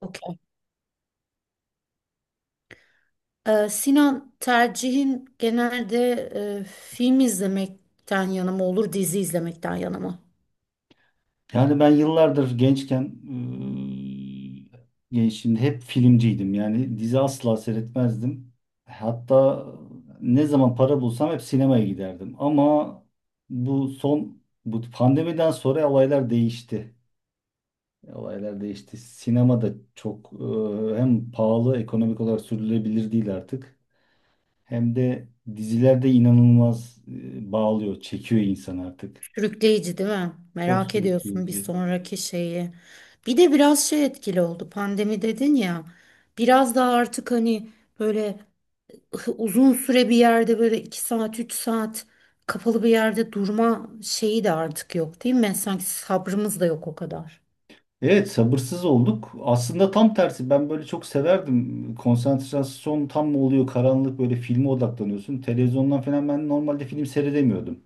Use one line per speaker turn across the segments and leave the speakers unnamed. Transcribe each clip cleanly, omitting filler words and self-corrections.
Okey. Sinan, tercihin genelde film izlemekten yana mı olur, dizi izlemekten yana mı?
Yani ben yıllardır gençken şimdi hep filmciydim. Yani dizi asla seyretmezdim. Hatta ne zaman para bulsam hep sinemaya giderdim. Ama bu son bu pandemiden sonra olaylar değişti. Olaylar değişti. Sinema da çok hem pahalı, ekonomik olarak sürdürülebilir değil artık. Hem de dizilerde inanılmaz bağlıyor, çekiyor insan artık.
Sürükleyici değil mi?
Çok
Merak ediyorsun bir
sürükleyici.
sonraki şeyi. Bir de biraz şey etkili oldu. Pandemi dedin ya. Biraz daha artık hani böyle uzun süre bir yerde böyle iki saat, üç saat kapalı bir yerde durma şeyi de artık yok değil mi? Sanki sabrımız da yok o kadar.
Evet, sabırsız olduk. Aslında tam tersi, ben böyle çok severdim. Konsantrasyon tam mı oluyor, karanlık, böyle filme odaklanıyorsun. Televizyondan falan ben normalde film seyredemiyordum.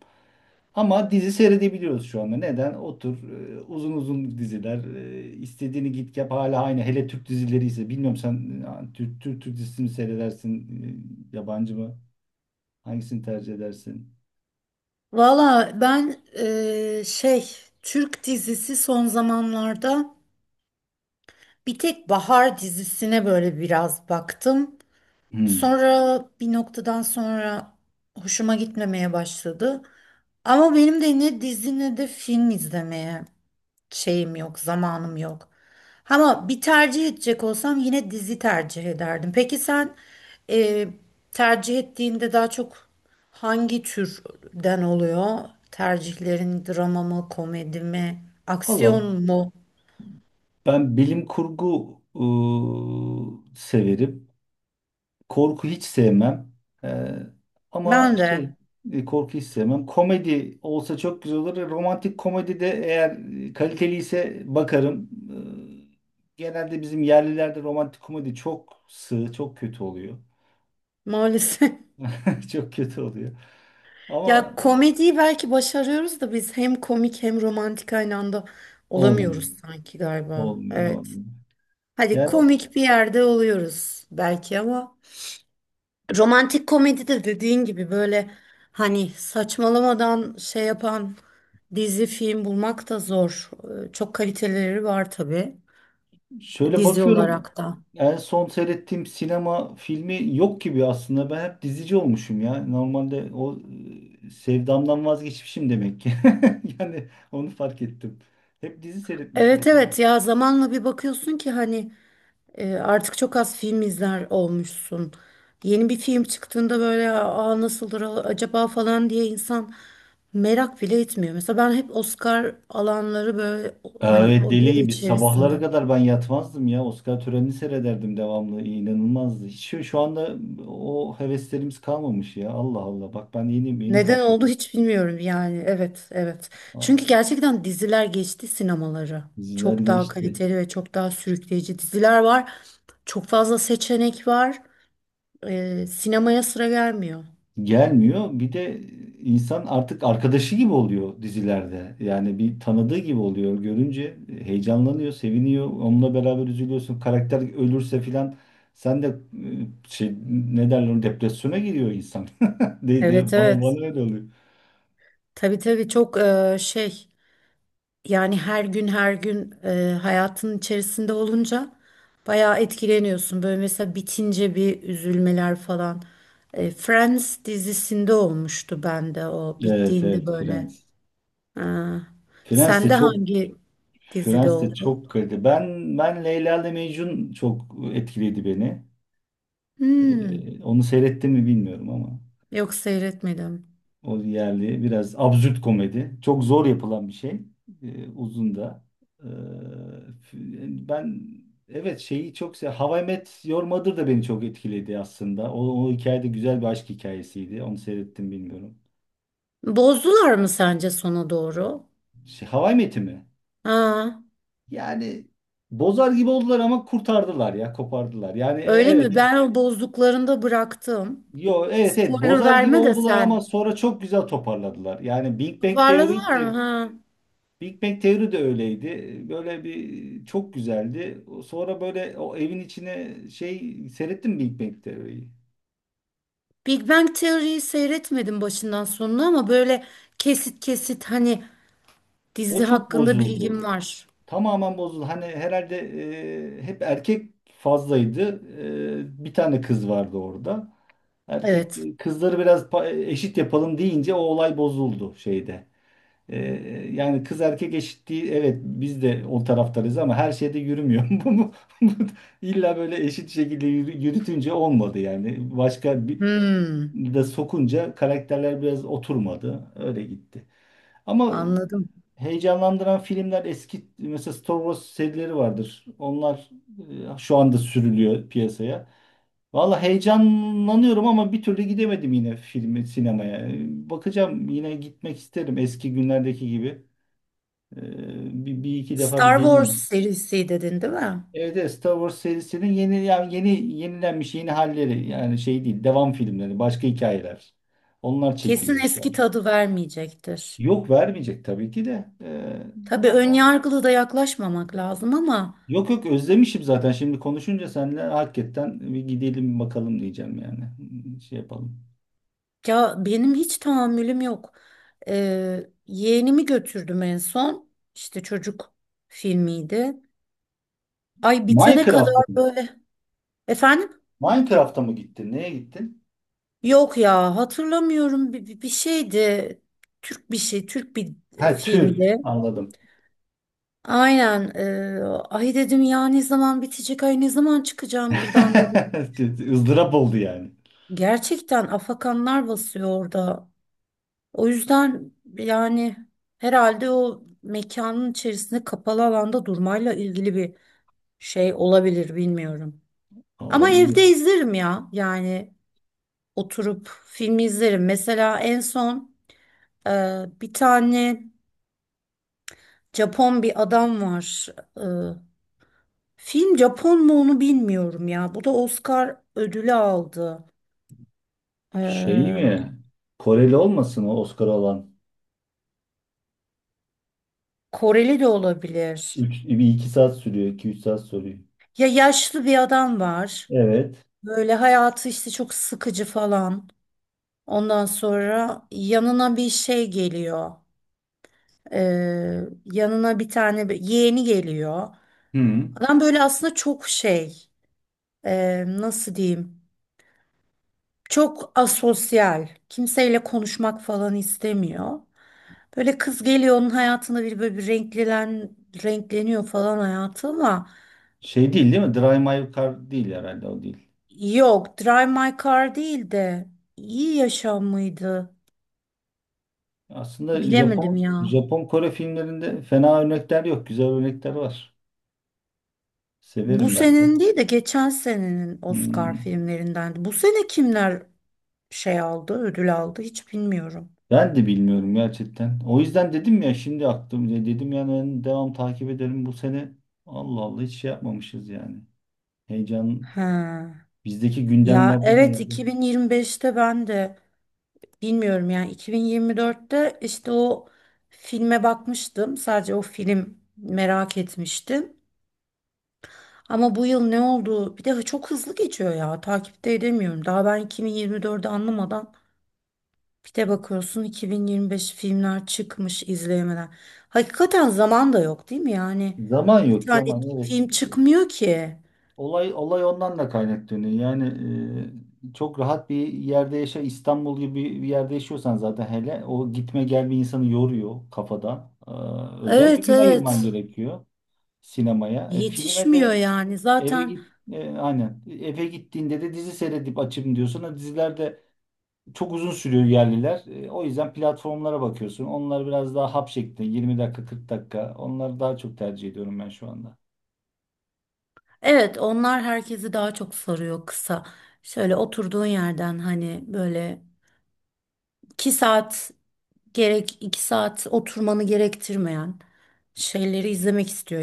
Ama dizi seyredebiliyoruz şu anda. Neden? Otur uzun uzun diziler, istediğini git yap, hala aynı. Hele Türk dizileri ise, bilmiyorum sen Türk dizisini mi seyredersin, yabancı mı? Hangisini tercih edersin?
Valla ben şey, Türk dizisi son zamanlarda bir tek Bahar dizisine böyle biraz baktım.
Hmm.
Sonra bir noktadan sonra hoşuma gitmemeye başladı. Ama benim de ne dizi ne de film izlemeye şeyim yok, zamanım yok. Ama bir tercih edecek olsam yine dizi tercih ederdim. Peki sen e, tercih ettiğinde daha çok hangi türden oluyor? Tercihlerin drama mı, komedi mi,
Valla
aksiyon mu?
ben bilim kurgu severim. Korku hiç sevmem. Ee, ama
Ben
şey,
de
korku hiç sevmem. Komedi olsa çok güzel olur. Romantik komedi de, eğer kaliteli ise, bakarım. Genelde bizim yerlilerde romantik komedi çok sığ, çok kötü oluyor.
maalesef.
Çok kötü oluyor.
Ya
Ama
komediyi belki başarıyoruz da biz hem komik hem romantik aynı anda olamıyoruz
olmuyor.
sanki galiba.
Olmuyor,
Evet.
olmuyor.
Hadi
Yani
komik bir yerde oluyoruz belki ama romantik komedide dediğin gibi böyle hani saçmalamadan şey yapan dizi film bulmak da zor. Çok kaliteleri var tabii,
şöyle
dizi
bakıyorum,
olarak da.
en son seyrettiğim sinema filmi yok gibi aslında. Ben hep dizici olmuşum ya. Normalde o sevdamdan vazgeçmişim demek ki. Yani onu fark ettim. Hep dizi seyretmişim
Evet,
aslında.
evet, ya zamanla bir bakıyorsun ki hani artık çok az film izler olmuşsun. Yeni bir film çıktığında böyle aa nasıldır acaba falan diye insan merak bile etmiyor. Mesela ben hep Oscar alanları böyle, hani
Evet,
o
deli
yıl
gibi sabahlara
içerisinde.
kadar ben yatmazdım ya. Oscar törenini seyrederdim devamlı. İnanılmazdı. Hiç şu anda o heveslerimiz kalmamış ya. Allah Allah. Bak ben yeni yeni
Neden
fark
oldu
ediyorum.
hiç bilmiyorum yani. Evet, evet. Çünkü
Aa,
gerçekten diziler geçti sinemaları.
diziler
Çok daha
geçti.
kaliteli ve çok daha sürükleyici diziler var. Çok fazla seçenek var. Sinemaya sıra gelmiyor.
Gelmiyor. Bir de insan artık arkadaşı gibi oluyor dizilerde. Yani bir tanıdığı gibi oluyor. Görünce heyecanlanıyor, seviniyor. Onunla beraber üzülüyorsun. Karakter ölürse filan sen de şey, ne derler ona, depresyona giriyor insan. Deydi.
Evet,
bana,
evet.
bana öyle oluyor.
Tabii tabii, çok şey, yani her gün her gün hayatın içerisinde olunca bayağı etkileniyorsun. Böyle mesela bitince bir üzülmeler falan. Friends dizisinde olmuştu bende, o
Evet
bittiğinde
evet,
böyle.
Friends.
Ha.
Friends de
Sende
çok,
hangi dizide
Friends de
oldu?
çok kaliteli. Ben Leyla ile Mecnun çok etkiledi beni.
Hmm.
Onu seyrettim mi bilmiyorum ama.
Yok, seyretmedim.
O yerli biraz absürt komedi. Çok zor yapılan bir şey. Uzun da. Ee, yani ben, evet, şeyi çok sev, How I Met Your Mother da beni çok etkiledi aslında. O hikaye de güzel bir aşk hikayesiydi. Onu seyrettim, bilmiyorum.
Bozdular mı sence sona doğru?
Şey, How I Met'i mi?
Ha.
Yani bozar gibi oldular ama kurtardılar ya, kopardılar. Yani e-
Öyle
evet
mi?
ins-
Ben o bozduklarında bıraktım.
Yo, evet evet,
Spoiler
bozar gibi
verme de
oldular ama
sen.
sonra çok güzel toparladılar. Yani Big Bang Theory,
Toparladılar mı? Ha.
Big Bang Theory de öyleydi. Böyle bir çok güzeldi. Sonra böyle o evin içine şey, seyrettim mi Big Bang Theory'yi.
Big Bang Theory'yi seyretmedim başından sonuna, ama böyle kesit kesit hani
O
dizi
çok
hakkında bilgim
bozuldu.
var.
Tamamen bozuldu. Hani herhalde hep erkek fazlaydı. E, bir tane kız vardı orada. Erkek
Evet.
kızları biraz pa- eşit yapalım deyince o olay bozuldu şeyde. Ee, yani kız erkek eşitliği, evet biz de o taraftarız ama her şeyde yürümüyor. Bu illa böyle eşit şekilde yürü- yürütünce olmadı yani. Başka bir
Hmm.
de sokunca karakterler biraz oturmadı. Öyle gitti. Ama
Anladım.
heyecanlandıran filmler, eski mesela Star Wars serileri vardır. Onlar şu anda sürülüyor piyasaya. Valla heyecanlanıyorum ama bir türlü gidemedim yine filmi sinemaya. Bakacağım, yine gitmek isterim eski günlerdeki gibi. Bir iki defa bir
Star Wars
deneyeyim.
serisi dedin değil mi?
Evet evet, Star Wars serisinin yeni, yani yeni yenilenmiş yeni halleri, yani şey değil, devam filmleri, başka hikayeler. Onlar
Kesin
çekiliyor şu an.
eski tadı vermeyecektir.
Yok, vermeyecek tabii ki de.
Tabii
Yani
ön
o-
yargılı da yaklaşmamak lazım, ama
yok yok, özlemişim zaten, şimdi konuşunca seninle hakikaten bir gidelim bakalım diyeceğim yani. Hmm, şey yapalım.
ya benim hiç tahammülüm yok. Yeğenimi götürdüm en son. İşte çocuk filmiydi. Ay, bitene
Minecraft'a
kadar
mı?
böyle. Efendim?
Minecraft'a mı gittin? Neye gittin?
Yok ya, hatırlamıyorum, bir şeydi. Türk bir şey, Türk bir
Ha, tür.
filmdi.
Anladım.
Aynen. Ay dedim ya ne zaman bitecek, ay ne zaman çıkacağım buradan dedim.
Izdırap oldu yani.
Gerçekten afakanlar basıyor orada. O yüzden yani herhalde o mekanın içerisinde kapalı alanda durmayla ilgili bir şey olabilir, bilmiyorum. Ama
Olabilir.
evde izlerim ya yani, oturup filmi izlerim. Mesela en son bir tane Japon bir adam var. E, Film Japon mu onu bilmiyorum ya. Bu da Oscar ödülü aldı.
Şey
E,
mi? Koreli olmasın o Oscar alan?
Koreli de olabilir.
3 bir 2 saat sürüyor, 2 üç saat sürüyor.
Ya yaşlı bir adam var.
Evet.
Böyle hayatı işte çok sıkıcı falan. Ondan sonra yanına bir şey geliyor. Yanına bir tane yeğeni geliyor.
Hı.
Adam böyle aslında çok şey, nasıl diyeyim? Çok asosyal. Kimseyle konuşmak falan istemiyor. Böyle kız geliyor, onun hayatında bir böyle bir renkleniyor falan hayatı, ama
Şey değil değil mi? Drive My Car değil herhalde, o değil.
yok, Drive My Car değil de iyi yaşam mıydı?
Aslında
Bilemedim
Japon
ya.
Japon Kore filmlerinde fena örnekler yok. Güzel örnekler var.
Bu
Severim ben de.
senenin değil de geçen senenin Oscar
Hmm.
filmlerindendi. Bu sene kimler şey aldı, ödül aldı hiç bilmiyorum.
Ben de bilmiyorum gerçekten. O yüzden dedim ya, şimdi aklım dedim, yani ben devam takip ederim bu sene. Allah Allah, hiç şey yapmamışız yani. Heyecan
Ha.
bizdeki
Ya
gündemlerden
evet,
herhalde.
2025'te ben de bilmiyorum yani, 2024'te işte o filme bakmıştım. Sadece o film merak etmiştim. Ama bu yıl ne oldu? Bir de çok hızlı geçiyor ya. Takipte edemiyorum. Daha ben 2024'ü anlamadan, bir de bakıyorsun 2025 filmler çıkmış izleyemeden. Hakikaten zaman da yok değil mi yani?
Zaman
Bir
yok,
tane
zaman, evet.
film çıkmıyor ki.
Olay ondan da kaynaklanıyor. Yani çok rahat bir yerde yaşa, İstanbul gibi bir yerde yaşıyorsan zaten, hele o gitme gel bir insanı yoruyor kafada. Özel bir
Evet,
gün ayırman
evet.
gerekiyor sinemaya. E, filme
Yetişmiyor
de
yani.
eve
Zaten
git, aynen, eve gittiğinde de dizi seyredip açayım diyorsun. O diziler de çok uzun sürüyor yerliler. E, o yüzden platformlara bakıyorsun. Onlar biraz daha hap şeklinde, 20 dakika, 40 dakika. Onları daha çok tercih ediyorum ben şu anda.
evet, onlar herkesi daha çok sarıyor, kısa. Şöyle oturduğun yerden hani böyle 2 saat, gerek 2 saat oturmanı gerektirmeyen şeyleri izlemek istiyor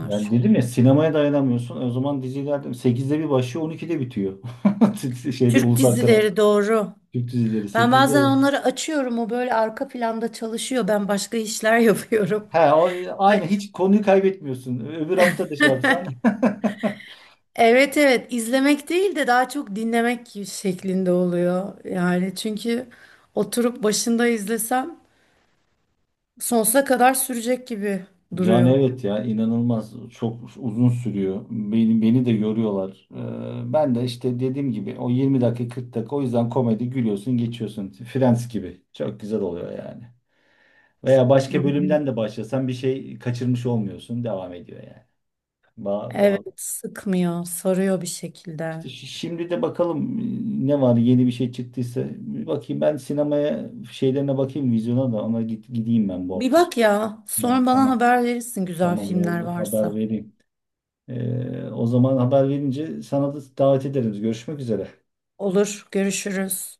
Yani dedim ya, sinemaya dayanamıyorsun. E, o zaman diziler sekizde bir başlıyor, 12'de bitiyor. Şeyde,
Türk
ulusal kanal.
dizileri, doğru.
Türk dizileri
Ben
sekizde.
bazen onları açıyorum. O böyle arka planda çalışıyor. Ben başka işler yapıyorum.
He o, aynı, hiç konuyu kaybetmiyorsun. Öbür hafta da şey yapsan.
Evet evet, izlemek değil de daha çok dinlemek şeklinde oluyor. Yani çünkü oturup başında izlesem sonsuza kadar sürecek gibi
Yani
duruyor.
evet ya, inanılmaz çok uzun sürüyor. Beni de yoruyorlar. Ben de işte dediğim gibi o 20 dakika 40 dakika, o yüzden komedi, gülüyorsun geçiyorsun. Friends gibi. Çok güzel oluyor yani. Veya başka
Doğru.
bölümden de başlasan bir şey kaçırmış olmuyorsun. Devam ediyor yani. Bağ, bağ.
Evet, sıkmıyor, sarıyor bir
İşte
şekilde.
şi- şimdi de bakalım ne var, yeni bir şey çıktıysa bir bakayım, ben sinemaya şeylerine bakayım, vizyona da ona git, gideyim ben bu
Bir
hafta sonu.
bak ya,
Yani
sonra bana
tamam
haber verirsin güzel
tamam
filmler
oldu, haber
varsa.
vereyim. O zaman haber verince sana da davet ederiz. Görüşmek üzere.
Olur, görüşürüz.